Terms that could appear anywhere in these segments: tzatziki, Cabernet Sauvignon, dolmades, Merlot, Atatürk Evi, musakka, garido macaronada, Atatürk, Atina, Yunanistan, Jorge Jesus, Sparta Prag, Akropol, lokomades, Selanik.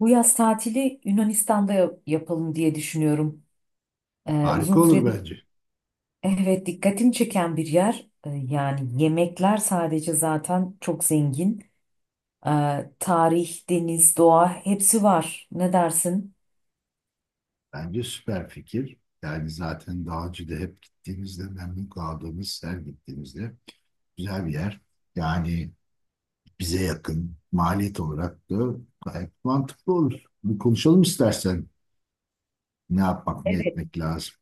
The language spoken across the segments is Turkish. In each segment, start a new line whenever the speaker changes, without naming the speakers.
Bu yaz tatili Yunanistan'da yapalım diye düşünüyorum. Uzun
Harika olur
süredir
bence.
evet dikkatimi çeken bir yer. Yani yemekler sadece zaten çok zengin. Ee, Tarih, deniz, doğa hepsi var. Ne dersin?
Bence süper fikir. Yani zaten daha önce hep gittiğimizde memnun kaldığımız, her gittiğimizde güzel bir yer. Yani bize yakın maliyet olarak da gayet mantıklı olur. Bir konuşalım istersen ne yapmak ne
Evet.
etmek lazım.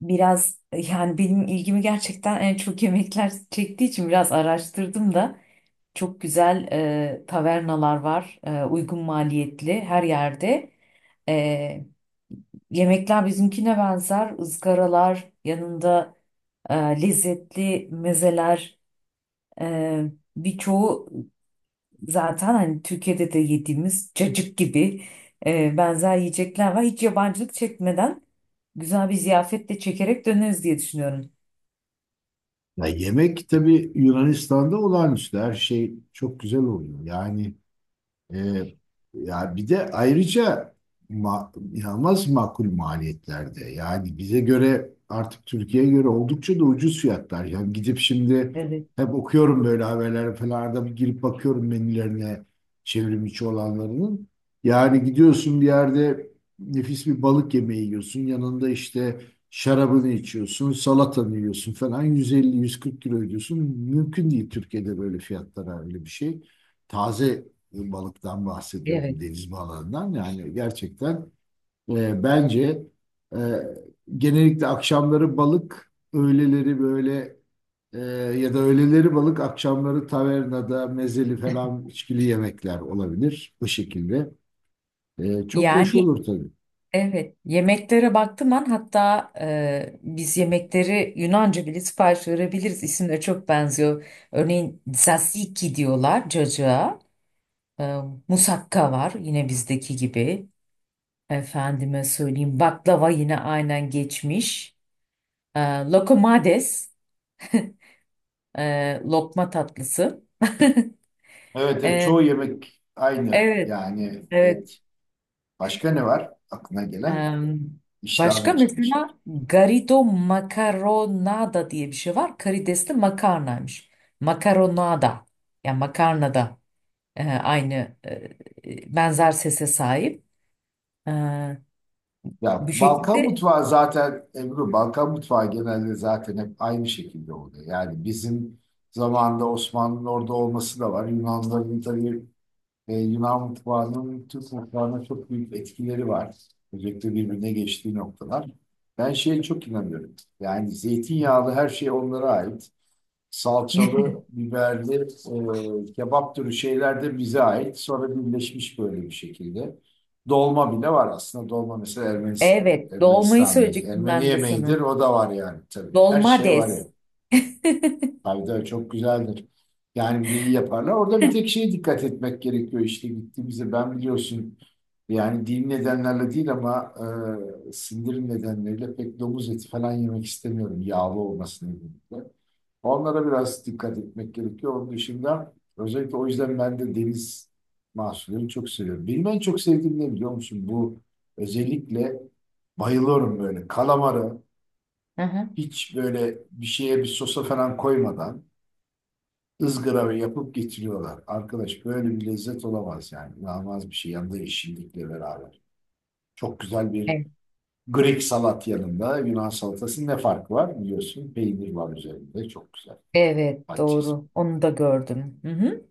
Biraz yani benim ilgimi gerçekten en çok yemekler çektiği için biraz araştırdım da çok güzel tavernalar var. E, uygun maliyetli her yerde. Yemekler bizimkine benzer. Izgaralar, yanında e, lezzetli mezeler. e, Birçoğu zaten hani Türkiye'de de yediğimiz cacık gibi benzer yiyecekler var. Hiç yabancılık çekmeden güzel bir ziyafetle çekerek döneriz diye düşünüyorum.
Ya yemek tabii Yunanistan'da olağanüstü, her şey çok güzel oluyor. Yani Ee, ya bir de ayrıca inanılmaz makul maliyetlerde. Yani bize göre artık Türkiye'ye göre oldukça da ucuz fiyatlar. Yani gidip şimdi
Evet,
hep okuyorum böyle, haberler falan arada bir girip bakıyorum menülerine, çevrim içi olanlarının. Yani gidiyorsun bir yerde nefis bir balık yemeği yiyorsun. Yanında işte şarabını içiyorsun, salatanı yiyorsun falan, 150 140 kilo ödüyorsun. Mümkün değil Türkiye'de böyle fiyatlara öyle bir şey. Taze balıktan bahsediyorum,
evet.
deniz balıklarından. Yani gerçekten bence e, genellikle akşamları balık, öğleleri böyle e, ya da öğleleri balık, akşamları tavernada mezeli falan içkili yemekler olabilir bu şekilde. Çok hoş
Yani
olur tabii.
evet, yemeklere baktım ben hatta, biz yemekleri Yunanca bile sipariş verebiliriz. İsimleri çok benziyor. Örneğin tzatziki diyorlar cacığa. E, Musakka var yine bizdeki gibi. Efendime söyleyeyim baklava yine aynen geçmiş. E, Lokomades, lokma tatlısı.
Evet, evet,
E,
çoğu yemek aynı.
evet,
Yani
evet.
evet. Başka ne var aklına gelen?
E,
İştahım
Başka
açılmış.
mesela garido macaronada diye bir şey var. Karidesli makarnaymış. Makaronada, yani makarnada, aynı, benzer sese sahip. E,
Ya
Bu
Balkan
şekilde.
mutfağı zaten Ebru, Balkan mutfağı genelde zaten hep aynı şekilde oluyor. Yani bizim zamanında Osmanlı'nın orada olması da var. Yunanların tabii Yunan mutfağının Türk mutfağına çok büyük etkileri var. Özellikle birbirine geçtiği noktalar. Ben şeye çok inanıyorum. Yani zeytinyağlı her şey onlara ait, salçalı, biberli, kebap türü şeyler de bize ait. Sonra birleşmiş böyle bir şekilde. Dolma bile var aslında. Dolma mesela
Evet, dolmayı söyleyecektim
Ermeni
ben de sana.
yemeğidir. O da var yani tabii. Her şey var ya.
Dolmades.
Tabii tabii çok güzeldir. Yani bir de iyi yaparlar. Orada bir tek şeye dikkat etmek gerekiyor işte gittiğimizde. Ben biliyorsun, yani dini nedenlerle değil ama sindirim nedenleriyle pek domuz eti falan yemek istemiyorum. Yağlı olması nedeniyle. Onlara biraz dikkat etmek gerekiyor. Onun dışında özellikle o yüzden ben de deniz mahsullerini çok seviyorum. Benim en çok sevdiğim ne, biliyor musun? Bu özellikle bayılıyorum, böyle kalamarı
Hı hı.
hiç böyle bir şeye, bir sosa falan koymadan ızgara ve yapıp getiriyorlar. Arkadaş, böyle bir lezzet olamaz yani. İnanılmaz bir şey, yanında yeşillikle beraber. Çok güzel bir
Evet.
Greek salat, yanında Yunan salatasının ne farkı var biliyorsun. Peynir var üzerinde, çok güzel.
Evet,
Patates.
doğru. Onu da gördüm. Hı hı.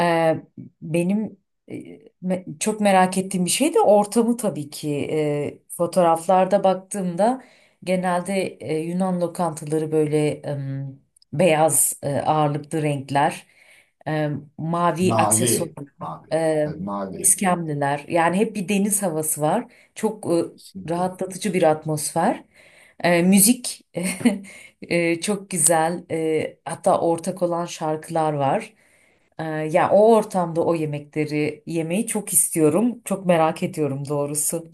Ee, Benim, e, çok merak ettiğim bir şey de ortamı tabii ki. Fotoğraflarda baktığımda genelde Yunan lokantaları böyle beyaz ağırlıklı renkler, mavi
Mavi.
aksesuarlar,
Mavi. Tabii mavi. Evet,
iskemliler. Yani hep bir deniz havası var. Çok
kesinlikle.
rahatlatıcı bir atmosfer. E, müzik. Çok güzel, hatta ortak olan şarkılar var. Ya o ortamda o yemekleri yemeyi çok istiyorum. Çok merak ediyorum doğrusu.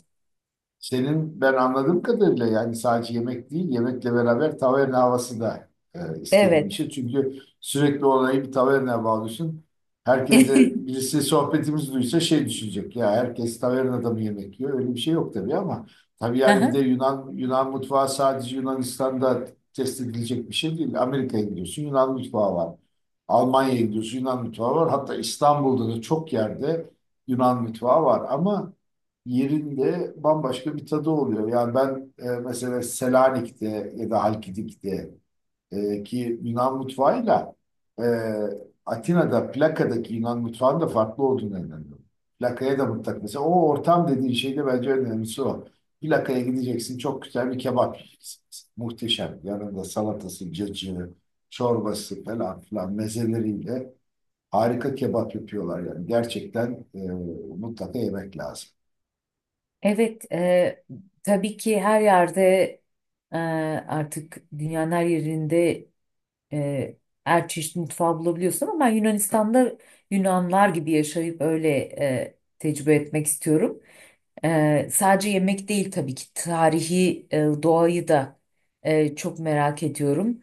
Senin ben anladığım kadarıyla, yani sadece yemek değil, yemekle beraber taverna havası da istediğim bir
Evet.
şey. Çünkü sürekli olayı bir tavernaya bağlıyorsun. Herkes de, birisi sohbetimizi duysa şey düşünecek: ya herkes tavernada mı yemek yiyor? Öyle bir şey yok tabii ama tabii yani bir de
Aha.
Yunan mutfağı sadece Yunanistan'da test edilecek bir şey değil. Amerika'ya gidiyorsun, Yunan mutfağı var. Almanya'ya gidiyorsun, Yunan mutfağı var. Hatta İstanbul'da da çok yerde Yunan mutfağı var ama yerinde bambaşka bir tadı oluyor. Yani ben mesela Selanik'te ya da Halkidik'te ki Yunan mutfağıyla e, Atina'da plakadaki Yunan mutfağının da farklı olduğunu inanıyorum. Plakaya da mutlaka, mesela o ortam dediğin şey de bence en önemlisi o. Plakaya gideceksin, çok güzel bir kebap yiyeceksin. Muhteşem. Yanında salatası, cacığı, çorbası falan filan mezeleriyle harika kebap yapıyorlar yani. Gerçekten mutlaka yemek lazım.
Evet. Tabii ki her yerde, e, artık dünyanın her yerinde, e, her çeşit mutfağı bulabiliyorsun ama ben Yunanistan'da Yunanlar gibi yaşayıp öyle tecrübe etmek istiyorum. Sadece yemek değil tabii ki, tarihi, doğayı da çok merak ediyorum.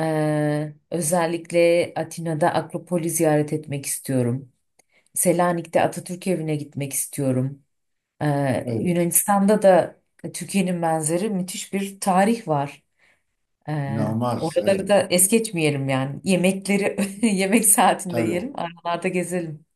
Özellikle Atina'da Akropol'i ziyaret etmek istiyorum. Selanik'te Atatürk Evi'ne gitmek istiyorum.
Evet.
Yunanistan'da da Türkiye'nin benzeri müthiş bir tarih var.
İnanılmaz,
Oraları
evet.
da es geçmeyelim yani. Yemekleri yemek saatinde yiyelim,
Tabii,
aralarda gezelim.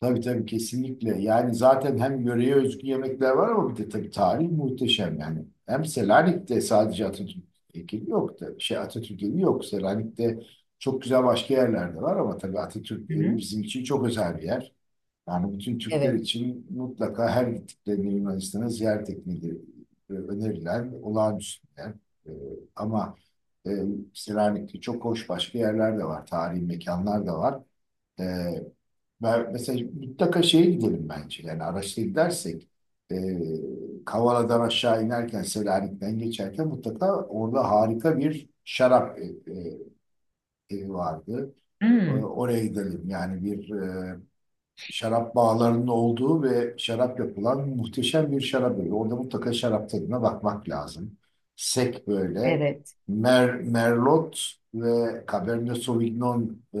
tabii tabii kesinlikle. Yani zaten hem yöreye özgü yemekler var ama bir de tabii tarih muhteşem yani. Hem Selanik'te sadece Atatürk heykeli yok da şey Atatürk evi yok. Selanik'te çok güzel başka yerlerde var ama tabii Atatürk
Hı
evi
hı.
bizim için çok özel bir yer. Yani bütün Türkler
Evet.
için mutlaka her gittiklerinde Yunanistan'a ziyaret etmeleri önerilen olağanüstü bir yer. E, ama e, Selanik'te çok hoş başka yerler de var, tarihi mekanlar da var. E, ve mesela mutlaka şeye gidelim bence. Yani araçla gidersek e, Kavala'dan aşağı inerken, Selanik'ten geçerken mutlaka orada harika bir şarap evi vardı.
Hmm,
Oraya gidelim. Yani bir şarap bağlarının olduğu ve şarap yapılan muhteşem bir şarap evi. Orada mutlaka şarap tadına bakmak lazım. Sek böyle
evet.
Merlot ve Cabernet Sauvignon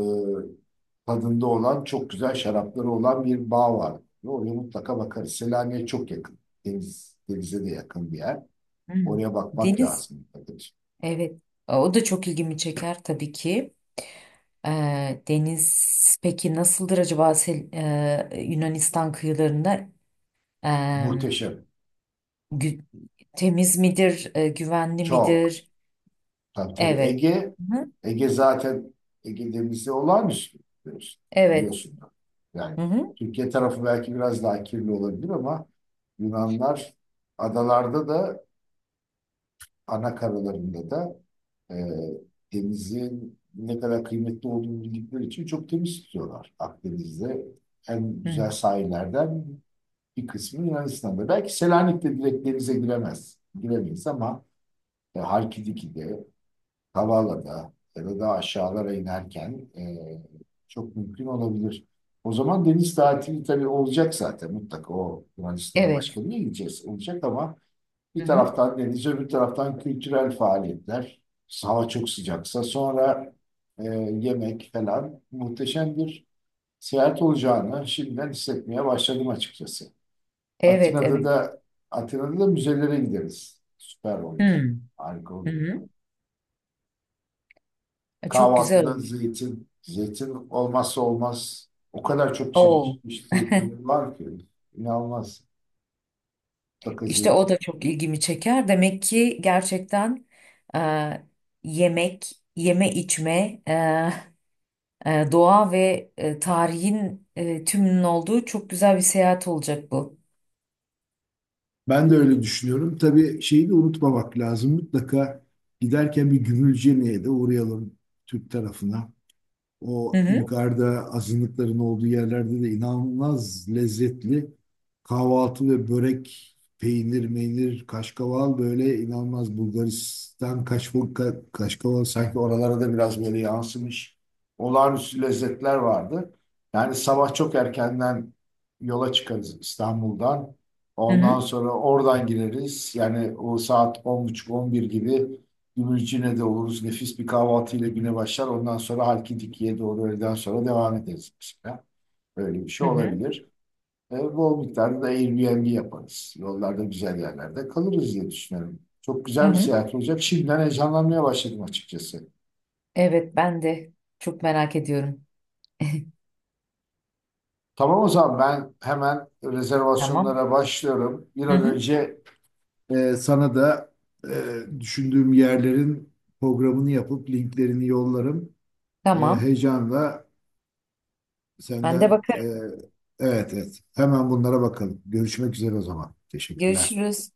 tadında olan çok güzel şarapları olan bir bağ var. Oraya mutlaka bakarız. Selanik'e çok yakın. Denize de yakın bir yer.
Hmm.
Oraya bakmak
Deniz.
lazım.
Evet, o da çok ilgimi çeker tabii ki. Deniz peki nasıldır acaba, Yunanistan kıyılarında? Ee,
Muhteşem.
gü- Temiz midir, güvenli
Çok.
midir?
Tabii tabii
Evet.
Ege,
Hı-hı.
Ege zaten Ege denizi olağanüstü, biliyorsun.
Evet.
Da. Yani
Hı-hı.
Türkiye tarafı belki biraz daha kirli olabilir ama Yunanlar adalarda da, ana karalarında da e, denizin ne kadar kıymetli olduğunu bildikleri için çok temiz tutuyorlar. Akdeniz'de en
Hı.
güzel sahillerden bir kısmı Yunanistan'da. Belki Selanik'te direkt denize giremeyiz ama Halkidiki'de, Kavala'da ya da aşağılara inerken çok mümkün olabilir. O zaman deniz tatili tabii olacak zaten, mutlaka o Yunanistan'a
Evet.
başka bir yere gideceğiz olacak ama
Hı
bir
hı, evet, hı hı.
taraftan deniz, öbür taraftan kültürel faaliyetler. Hava çok sıcaksa sonra e, yemek falan, muhteşem bir seyahat olacağını şimdiden hissetmeye başladım açıkçası.
Evet,
Atina'da
evet.
da Atina'da da müzelere gideriz. Süper olur. Harika olur.
Hı-hı. Çok güzel
Kahvaltıda
olur.
zeytin. Zeytin olmazsa olmaz. O kadar çok
Oo,
çeşitli zeytinler var ki. İnanılmaz. Mutlaka
işte o
zeytin.
da çok ilgimi çeker. Demek ki gerçekten, e, yemek, yeme içme. E, doğa ve tarihin, tümünün olduğu çok güzel bir seyahat olacak bu.
Ben de öyle düşünüyorum. Tabii şeyi de unutmamak lazım. Mutlaka giderken bir Gümülcene'ye de uğrayalım, Türk tarafına.
Hı
O
hı,
yukarıda azınlıkların olduğu yerlerde de inanılmaz lezzetli kahvaltı ve börek, peynir, meynir, kaşkaval, böyle inanılmaz Bulgaristan kaşkaval, kaşkaval sanki oralara da biraz böyle yansımış, olağanüstü lezzetler vardı. Yani sabah çok erkenden yola çıkarız İstanbul'dan.
hı
Ondan
hı,
sonra oradan gireriz. Yani o saat 10.30-11 gibi Gümüşcine'de de oluruz. Nefis bir kahvaltıyla güne başlar. Ondan sonra Halkidiki'ye doğru öğleden sonra devam ederiz mesela. Böyle bir
hı
şey
hı,
olabilir. Bol miktarda da Airbnb yaparız. Yollarda güzel yerlerde kalırız diye düşünüyorum. Çok
hı
güzel bir
hı.
seyahat olacak. Şimdiden heyecanlanmaya başladım açıkçası.
Evet, ben de çok merak ediyorum.
Tamam o zaman ben hemen
Tamam.
rezervasyonlara başlıyorum. Bir
Hı
an
hı,
önce sana da düşündüğüm yerlerin programını yapıp linklerini yollarım. E,
tamam.
heyecanla
Ben de
Senden
bakarım.
evet evet. Hemen bunlara bakalım. Görüşmek üzere o zaman. Teşekkürler.
Görüşürüz.